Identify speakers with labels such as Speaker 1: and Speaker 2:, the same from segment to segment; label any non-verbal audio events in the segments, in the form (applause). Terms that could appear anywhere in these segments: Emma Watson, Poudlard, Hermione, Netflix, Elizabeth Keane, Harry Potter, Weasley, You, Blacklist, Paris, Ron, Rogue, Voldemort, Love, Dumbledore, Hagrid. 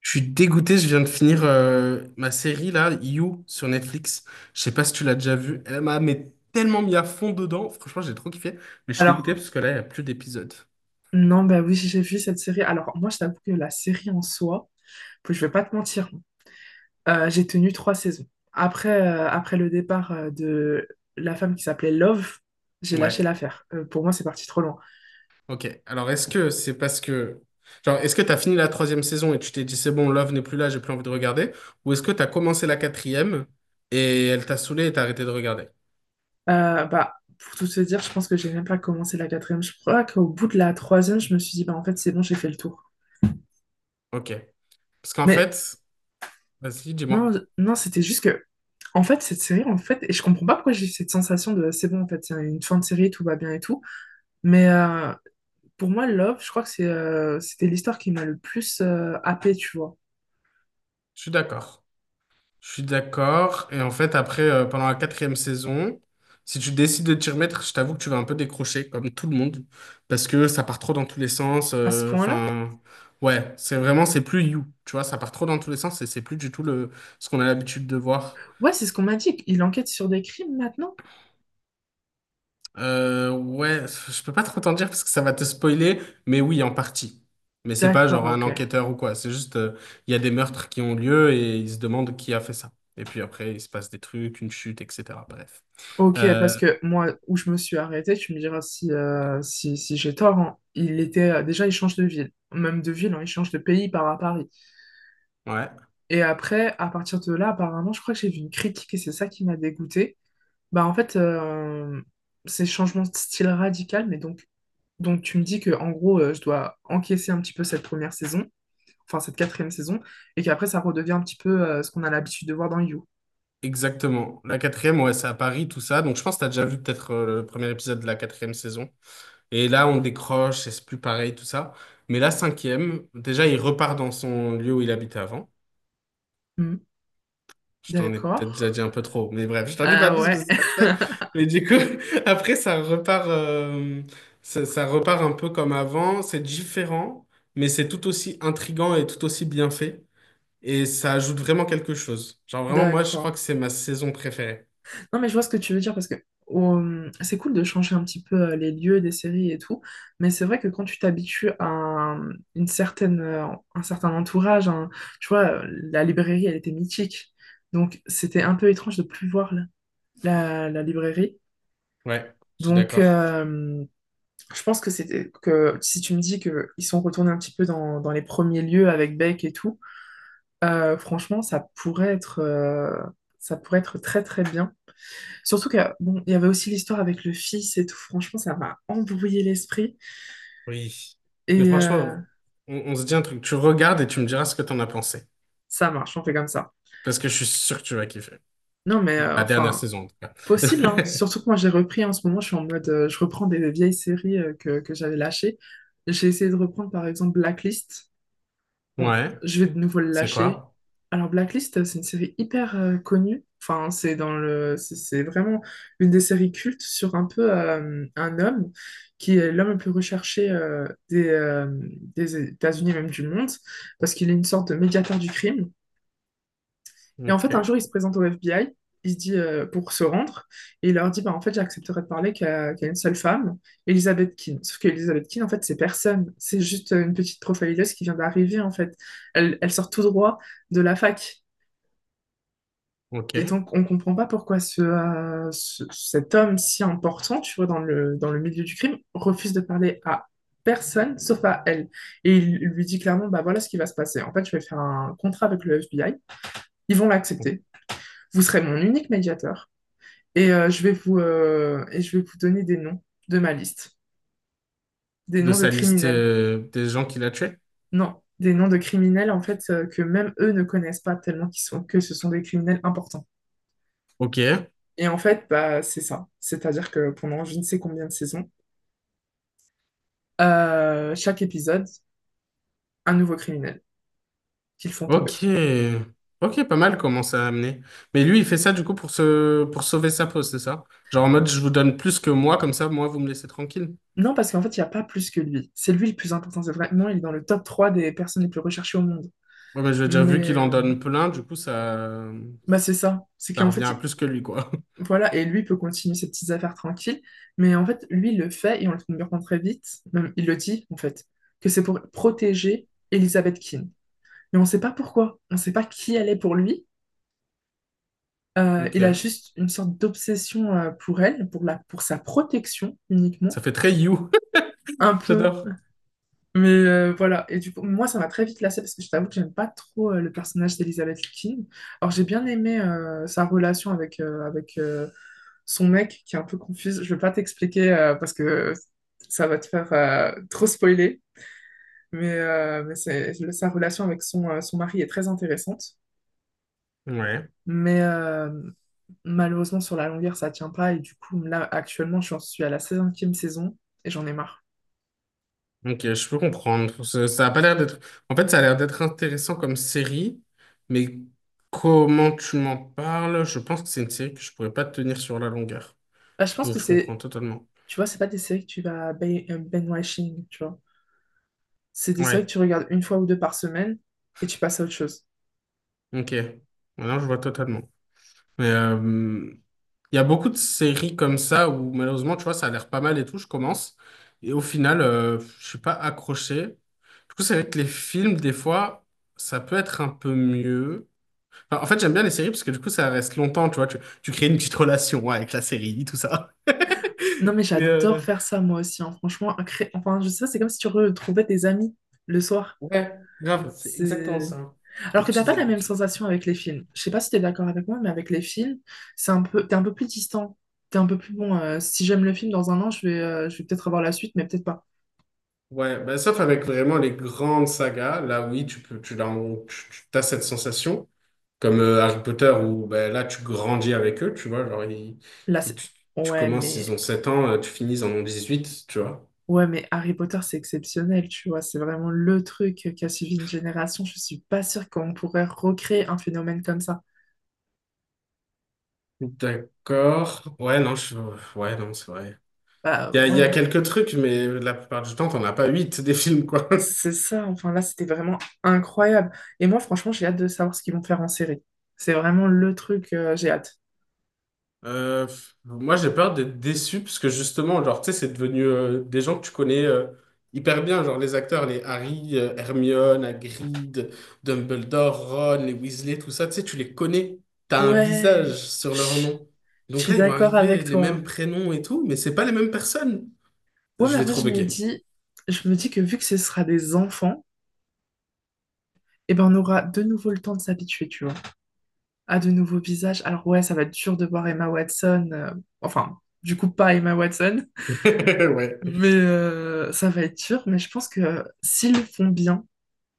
Speaker 1: Je suis dégoûté, je viens de finir ma série là, You, sur Netflix. Je sais pas si tu l'as déjà vue. Elle m'a mais tellement mis à fond dedans. Franchement, j'ai trop kiffé. Mais je suis
Speaker 2: Alors,
Speaker 1: dégoûté parce que là, il n'y a plus d'épisodes.
Speaker 2: non, bah oui, j'ai vu cette série. Alors, moi, je t'avoue que la série en soi, puis je vais pas te mentir, hein, j'ai tenu trois saisons. Après, après le départ de la femme qui s'appelait Love, j'ai lâché
Speaker 1: Ouais.
Speaker 2: l'affaire. Pour moi, c'est parti trop loin.
Speaker 1: Ok. Alors, est-ce que c'est parce que. Genre, est-ce que t'as fini la troisième saison et tu t'es dit c'est bon, Love n'est plus là, j'ai plus envie de regarder? Ou est-ce que t'as commencé la quatrième et elle t'a saoulé et t'as arrêté de regarder?
Speaker 2: Bah, pour tout se dire, je pense que j'ai même pas commencé la quatrième. Je crois qu'au bout de la troisième, je me suis dit, bah, en fait, c'est bon, j'ai fait le tour.
Speaker 1: Ok. Parce qu'en
Speaker 2: Mais
Speaker 1: fait, vas-y,
Speaker 2: non,
Speaker 1: dis-moi.
Speaker 2: non, c'était juste que, en fait, cette série, en fait, et je comprends pas pourquoi j'ai eu cette sensation de, c'est bon, en fait, c'est une fin de série, tout va bien et tout. Mais euh, Pour moi, Love, je crois que c'est, c'était l'histoire qui m'a le plus happée, tu vois.
Speaker 1: Je suis d'accord. Je suis d'accord. Et en fait, après, pendant la quatrième saison, si tu décides de t'y remettre, je t'avoue que tu vas un peu décrocher, comme tout le monde, parce que ça part trop dans tous les sens.
Speaker 2: À ce point-là?
Speaker 1: Enfin, ouais, c'est vraiment, c'est plus You, tu vois, ça part trop dans tous les sens et c'est plus du tout le, ce qu'on a l'habitude de voir.
Speaker 2: Ouais, c'est ce qu'on m'a dit. Il enquête sur des crimes maintenant?
Speaker 1: Ouais, je peux pas trop t'en dire parce que ça va te spoiler, mais oui, en partie. Mais c'est pas
Speaker 2: D'accord,
Speaker 1: genre un
Speaker 2: ok.
Speaker 1: enquêteur ou quoi, c'est juste, il y a des meurtres qui ont lieu et ils se demandent qui a fait ça. Et puis après, il se passe des trucs, une chute, etc. Bref.
Speaker 2: Ok,
Speaker 1: Euh,
Speaker 2: parce que moi, où je me suis arrêtée, tu me diras si, si, si j'ai tort, hein. Il était, déjà, il change de ville. Même de ville, hein, il change de pays, il part à Paris.
Speaker 1: Ouais,
Speaker 2: Et après, à partir de là, apparemment, je crois que j'ai vu une critique et c'est ça qui m'a dégoûtée. Bah, en fait, c'est changement de style radical, mais donc tu me dis que, en gros, je dois encaisser un petit peu cette première saison, enfin cette quatrième saison, et qu'après ça redevient un petit peu ce qu'on a l'habitude de voir dans You.
Speaker 1: exactement. La quatrième, ouais, c'est à Paris, tout ça. Donc, je pense que tu as déjà vu peut-être le premier épisode de la quatrième saison. Et là, on décroche, et c'est plus pareil, tout ça. Mais la cinquième, déjà, il repart dans son lieu où il habitait avant.
Speaker 2: Hmm.
Speaker 1: Je t'en ai
Speaker 2: D'accord.
Speaker 1: peut-être déjà dit un peu trop, mais bref, je t'en dis pas
Speaker 2: Ah
Speaker 1: plus
Speaker 2: ouais.
Speaker 1: parce que ça se fait. Mais du coup, (laughs) après, ça repart, ça repart un peu comme avant. C'est différent, mais c'est tout aussi intriguant et tout aussi bien fait. Et ça ajoute vraiment quelque chose. Genre,
Speaker 2: (laughs)
Speaker 1: vraiment, moi, je crois
Speaker 2: D'accord.
Speaker 1: que c'est ma saison préférée.
Speaker 2: Non, mais je vois ce que tu veux dire parce que c'est cool de changer un petit peu les lieux des séries et tout, mais c'est vrai que quand tu t'habitues à une certaine, un certain entourage, tu vois, la librairie, elle était mythique. Donc, c'était un peu étrange de plus voir la librairie.
Speaker 1: Ouais, je suis
Speaker 2: Donc,
Speaker 1: d'accord.
Speaker 2: euh, je pense que c'était que si tu me dis que ils sont retournés un petit peu dans les premiers lieux avec Beck et tout, franchement, ça pourrait être ça pourrait être très très bien. Surtout que bon, il y avait aussi l'histoire avec le fils et tout. Franchement, ça m'a embrouillé l'esprit
Speaker 1: Oui. Mais
Speaker 2: et
Speaker 1: franchement, on se dit un truc. Tu regardes et tu me diras ce que t'en as pensé.
Speaker 2: ça marche. On fait comme ça.
Speaker 1: Parce que je suis sûr que tu vas kiffer.
Speaker 2: Non, mais
Speaker 1: La dernière
Speaker 2: enfin
Speaker 1: saison, en tout cas.
Speaker 2: possible, hein.
Speaker 1: (laughs)
Speaker 2: Surtout que moi, j'ai repris en ce moment. Je suis en mode, je reprends des vieilles séries que j'avais lâchées. J'ai essayé de reprendre par exemple Blacklist. Bon,
Speaker 1: Ouais,
Speaker 2: je vais de nouveau le
Speaker 1: c'est
Speaker 2: lâcher.
Speaker 1: quoi?
Speaker 2: Alors, Blacklist, c'est une série hyper connue. Enfin, c'est dans c'est vraiment une des séries cultes sur un peu un homme qui est l'homme le plus recherché des États-Unis, même du monde, parce qu'il est une sorte de médiateur du crime. Et en fait, un
Speaker 1: Ok,
Speaker 2: jour, il se présente au FBI, il se dit pour se rendre, et il leur dit, bah, en fait, j'accepterai de parler qu'à une seule femme, Elizabeth Keane. Sauf qu'Elizabeth Keane, en fait, c'est personne. C'est juste une petite profileuse qui vient d'arriver, en fait. Elle, elle sort tout droit de la fac. Et
Speaker 1: ok.
Speaker 2: donc, on comprend pas pourquoi cet homme si important, tu vois, dans dans le milieu du crime, refuse de parler à personne sauf à elle. Et il lui dit clairement, bah voilà ce qui va se passer. En fait, je vais faire un contrat avec le FBI. Ils vont l'accepter. Vous serez mon unique médiateur. Et, et je vais vous donner des noms de ma liste. Des
Speaker 1: De
Speaker 2: noms de
Speaker 1: sa liste
Speaker 2: criminels.
Speaker 1: des gens qu'il a tués?
Speaker 2: Non, des noms de criminels, en fait, que même eux ne connaissent pas tellement qu'ils sont, que ce sont des criminels importants.
Speaker 1: Ok,
Speaker 2: Et en fait, bah, c'est ça. C'est-à-dire que pendant je ne sais combien de saisons, chaque épisode, un nouveau criminel qu'ils font tomber.
Speaker 1: ok. Ok, pas mal comment ça a amené. Mais lui, il fait ça du coup pour se... pour sauver sa peau, c'est ça? Genre en mode, je vous donne plus que moi, comme ça, moi, vous me laissez tranquille.
Speaker 2: Non, parce qu'en fait, il n'y a pas plus que lui. C'est lui le plus important. C'est vraiment, il est dans le top 3 des personnes les plus recherchées au monde.
Speaker 1: Ouais, mais je veux dire,
Speaker 2: Mais
Speaker 1: vu qu'il en
Speaker 2: euh,
Speaker 1: donne plein, du coup, ça...
Speaker 2: bah, c'est ça. C'est
Speaker 1: Ça
Speaker 2: qu'en
Speaker 1: revient à
Speaker 2: fait,
Speaker 1: plus que lui, quoi. (laughs)
Speaker 2: voilà, et lui peut continuer ses petites affaires tranquilles, mais en fait, lui, il le fait, et on le comprend très vite, même il le dit, en fait, que c'est pour protéger Elizabeth Keane. Mais on ne sait pas pourquoi, on ne sait pas qui elle est pour lui, il a
Speaker 1: Ok.
Speaker 2: juste une sorte d'obsession pour elle, pour sa protection
Speaker 1: Ça
Speaker 2: uniquement,
Speaker 1: fait très You. (laughs)
Speaker 2: un peu,
Speaker 1: J'adore.
Speaker 2: mais voilà, et du coup, moi, ça m'a très vite lassée, parce que je t'avoue que j'aime pas trop le personnage d'Elizabeth Keane. Alors, j'ai bien aimé sa relation avec, son mec qui est un peu confuse. Je vais pas t'expliquer parce que ça va te faire trop spoiler, mais c'est, sa relation avec son mari est très intéressante.
Speaker 1: Ouais.
Speaker 2: Mais malheureusement, sur la longueur, ça tient pas. Et du coup, là, actuellement, j'en suis à la 5e saison et j'en ai marre.
Speaker 1: Ok, je peux comprendre. Ça a pas l'air d'être. En fait, ça a l'air d'être intéressant comme série, mais comment tu m'en parles? Je pense que c'est une série que je pourrais pas tenir sur la longueur.
Speaker 2: Bah, je pense que
Speaker 1: Donc, je
Speaker 2: c'est,
Speaker 1: comprends totalement.
Speaker 2: tu vois, c'est pas des séries que tu vas binge-watching, tu vois. C'est des séries que
Speaker 1: Ouais.
Speaker 2: tu regardes une fois ou deux par semaine et tu passes à autre chose.
Speaker 1: Ok. Maintenant, je vois totalement. Mais, il y a beaucoup de séries comme ça où malheureusement, tu vois, ça a l'air pas mal et tout, je commence. Et au final, je suis pas accroché. Du coup, c'est vrai que les films, des fois, ça peut être un peu mieux. Enfin, en fait, j'aime bien les séries parce que du coup, ça reste longtemps, tu vois. Tu crées une petite relation ouais, avec la série, tout ça.
Speaker 2: Non, mais
Speaker 1: (laughs) Mais
Speaker 2: j'adore faire ça moi aussi, hein. Franchement, enfin, je sais pas, c'est comme si tu retrouvais tes amis le soir.
Speaker 1: ouais, grave, c'est exactement
Speaker 2: C'est...
Speaker 1: ça. Tes
Speaker 2: Alors que t'as
Speaker 1: petites
Speaker 2: pas la même
Speaker 1: habitudes.
Speaker 2: sensation avec les films. Je sais pas si t'es d'accord avec moi, mais avec les films, c'est un peu... t'es un peu plus distant. T'es un peu plus bon. Si j'aime le film dans un an, je vais peut-être avoir la suite, mais peut-être pas.
Speaker 1: Ouais, bah, sauf avec vraiment les grandes sagas, là oui, tu peux, tu, l'as- tu, tu as cette sensation. Comme Harry Potter, où ben, là, tu grandis avec eux, tu vois. Genre,
Speaker 2: Là,
Speaker 1: ils-
Speaker 2: c'est...
Speaker 1: tu, tu
Speaker 2: Ouais,
Speaker 1: commences, ils
Speaker 2: mais...
Speaker 1: ont 7 ans, tu finis, ils en ont huit tu vois.
Speaker 2: Ouais, mais Harry Potter, c'est exceptionnel, tu vois. C'est vraiment le truc qui a suivi une génération. Je suis pas sûre qu'on pourrait recréer un phénomène comme ça.
Speaker 1: D'accord. Ouais, non, c'est vrai.
Speaker 2: Bah
Speaker 1: Il y a
Speaker 2: ouais.
Speaker 1: quelques trucs, mais la plupart du temps, t'en as pas 8 des films, quoi.
Speaker 2: C'est ça, enfin là, c'était vraiment incroyable. Et moi, franchement, j'ai hâte de savoir ce qu'ils vont faire en série. C'est vraiment le truc, j'ai hâte.
Speaker 1: Pff, moi, j'ai peur d'être déçu parce que justement, genre, tu sais, c'est devenu des gens que tu connais hyper bien, genre les acteurs, les Harry, Hermione, Hagrid, Dumbledore, Ron, les Weasley, tout ça, tu sais, tu les connais, t'as un
Speaker 2: Ouais,
Speaker 1: visage sur leur
Speaker 2: chut,
Speaker 1: nom.
Speaker 2: je
Speaker 1: Donc
Speaker 2: suis
Speaker 1: là, ils vont
Speaker 2: d'accord avec
Speaker 1: arriver les mêmes
Speaker 2: toi.
Speaker 1: prénoms et tout, mais c'est pas les mêmes personnes.
Speaker 2: Ouais,
Speaker 1: Je
Speaker 2: mais
Speaker 1: vais
Speaker 2: après,
Speaker 1: trop bugger.
Speaker 2: je me dis que vu que ce sera des enfants, eh ben, on aura de nouveau le temps de s'habituer, tu vois, à de nouveaux visages. Alors ouais, ça va être dur de voir Emma Watson, enfin, du coup, pas Emma Watson,
Speaker 1: (laughs) Ouais.
Speaker 2: mais ça va être dur. Mais je pense que s'ils le font bien,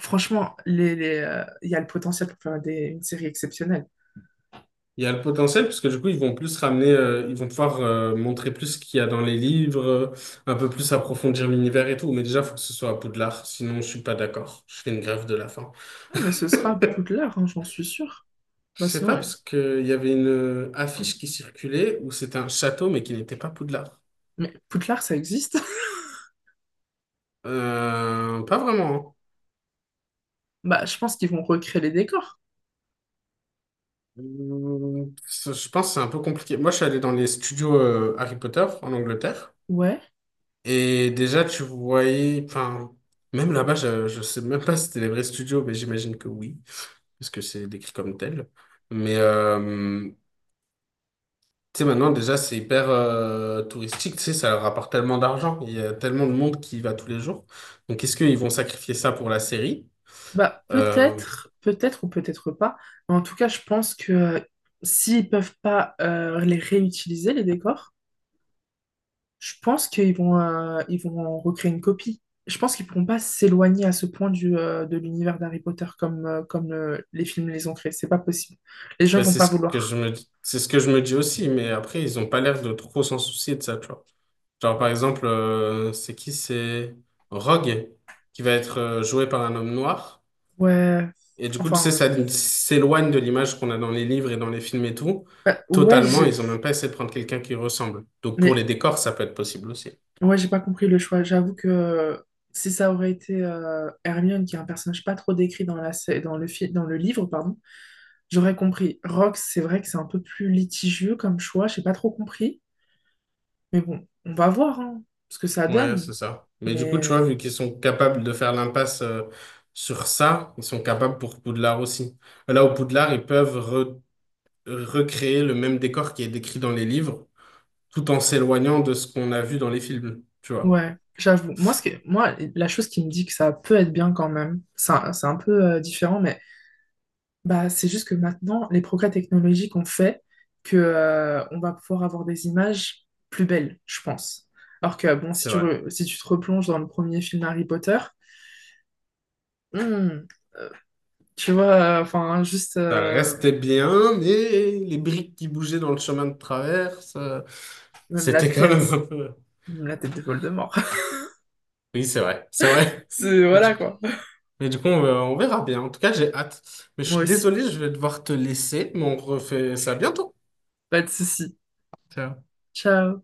Speaker 2: franchement, il y a le potentiel pour faire une série exceptionnelle.
Speaker 1: Il y a le potentiel, parce que du coup, ils vont plus ramener, ils vont pouvoir montrer plus ce qu'il y a dans les livres, un peu plus approfondir l'univers et tout. Mais déjà, il faut que ce soit à Poudlard, sinon je suis pas d'accord. Je fais une grève de la faim.
Speaker 2: Ah, mais ce sera Poudlard, hein, j'en suis sûre.
Speaker 1: Je
Speaker 2: Bah,
Speaker 1: sais
Speaker 2: sinon,
Speaker 1: pas,
Speaker 2: euh,
Speaker 1: parce qu'il y avait une affiche qui circulait où c'était un château, mais qui n'était pas Poudlard.
Speaker 2: mais Poudlard, ça existe. (laughs)
Speaker 1: Pas vraiment. Hein.
Speaker 2: Bah, je pense qu'ils vont recréer les décors.
Speaker 1: Ça, je pense que c'est un peu compliqué. Moi, je suis allé dans les studios Harry Potter en Angleterre.
Speaker 2: Ouais.
Speaker 1: Et déjà, tu voyais, enfin, même là-bas, je sais même pas si c'était les vrais studios, mais j'imagine que oui, parce que c'est décrit comme tel. Mais, tu sais, maintenant, déjà, c'est hyper touristique, tu sais, ça leur rapporte tellement d'argent, il y a tellement de monde qui y va tous les jours. Donc, est-ce qu'ils vont sacrifier ça pour la série?
Speaker 2: Bah,
Speaker 1: Euh,
Speaker 2: peut-être, peut-être ou peut-être pas. Mais en tout cas, je pense que s'ils peuvent pas les réutiliser, les décors, je pense qu'ils vont, ils vont en recréer une copie. Je pense qu'ils pourront pas s'éloigner à ce point de l'univers d'Harry Potter comme, les films les ont créés. C'est pas possible. Les gens
Speaker 1: ben,
Speaker 2: vont
Speaker 1: c'est
Speaker 2: pas
Speaker 1: ce que je
Speaker 2: vouloir.
Speaker 1: me, c'est ce que je me dis aussi, mais après, ils ont pas l'air de trop s'en soucier de ça, tu vois. Genre, par exemple, c'est qui? C'est Rogue, qui va être joué par un homme noir.
Speaker 2: Ouais,
Speaker 1: Et du coup, tu sais,
Speaker 2: enfin,
Speaker 1: ça s'éloigne de l'image qu'on a dans les livres et dans les films et tout.
Speaker 2: bah, ouais,
Speaker 1: Totalement, ils ont même pas essayé de prendre quelqu'un qui ressemble. Donc pour
Speaker 2: mais
Speaker 1: les décors, ça peut être possible aussi.
Speaker 2: ouais, j'ai pas compris le choix. J'avoue que si ça aurait été Hermione, qui est un personnage pas trop décrit dans dans dans le livre, pardon, j'aurais compris. Rox, c'est vrai que c'est un peu plus litigieux comme choix, j'ai pas trop compris. Mais bon, on va voir hein, ce que ça
Speaker 1: Ouais,
Speaker 2: donne.
Speaker 1: c'est ça. Mais du coup,
Speaker 2: Mais
Speaker 1: tu
Speaker 2: euh,
Speaker 1: vois, vu qu'ils sont capables de faire l'impasse sur ça, ils sont capables pour Poudlard aussi. Là, au Poudlard, ils peuvent recréer le même décor qui est décrit dans les livres, tout en s'éloignant de ce qu'on a vu dans les films, tu vois.
Speaker 2: ouais, j'avoue. Moi, moi, la chose qui me dit que ça peut être bien quand même, c'est un peu différent, mais bah, c'est juste que maintenant, les progrès technologiques ont fait que, on va pouvoir avoir des images plus belles, je pense. Alors que, bon, si
Speaker 1: C'est
Speaker 2: tu,
Speaker 1: vrai.
Speaker 2: si tu te replonges dans le premier film Harry Potter, hmm, tu vois, enfin, juste,
Speaker 1: Ça restait bien, mais les briques qui bougeaient dans le chemin de travers, ça-
Speaker 2: même la
Speaker 1: c'était quand
Speaker 2: tête,
Speaker 1: même un peu...
Speaker 2: même la tête de Voldemort.
Speaker 1: (laughs) Oui, c'est vrai, c'est
Speaker 2: (laughs)
Speaker 1: vrai.
Speaker 2: C'est,
Speaker 1: (laughs) Et du
Speaker 2: voilà,
Speaker 1: coup,
Speaker 2: quoi.
Speaker 1: mais du coup, on verra bien. En tout cas, j'ai hâte. Mais je
Speaker 2: Moi
Speaker 1: suis
Speaker 2: aussi.
Speaker 1: désolé, je vais devoir te laisser, mais on refait ça bientôt.
Speaker 2: Pas de soucis.
Speaker 1: Ciao.
Speaker 2: Ciao.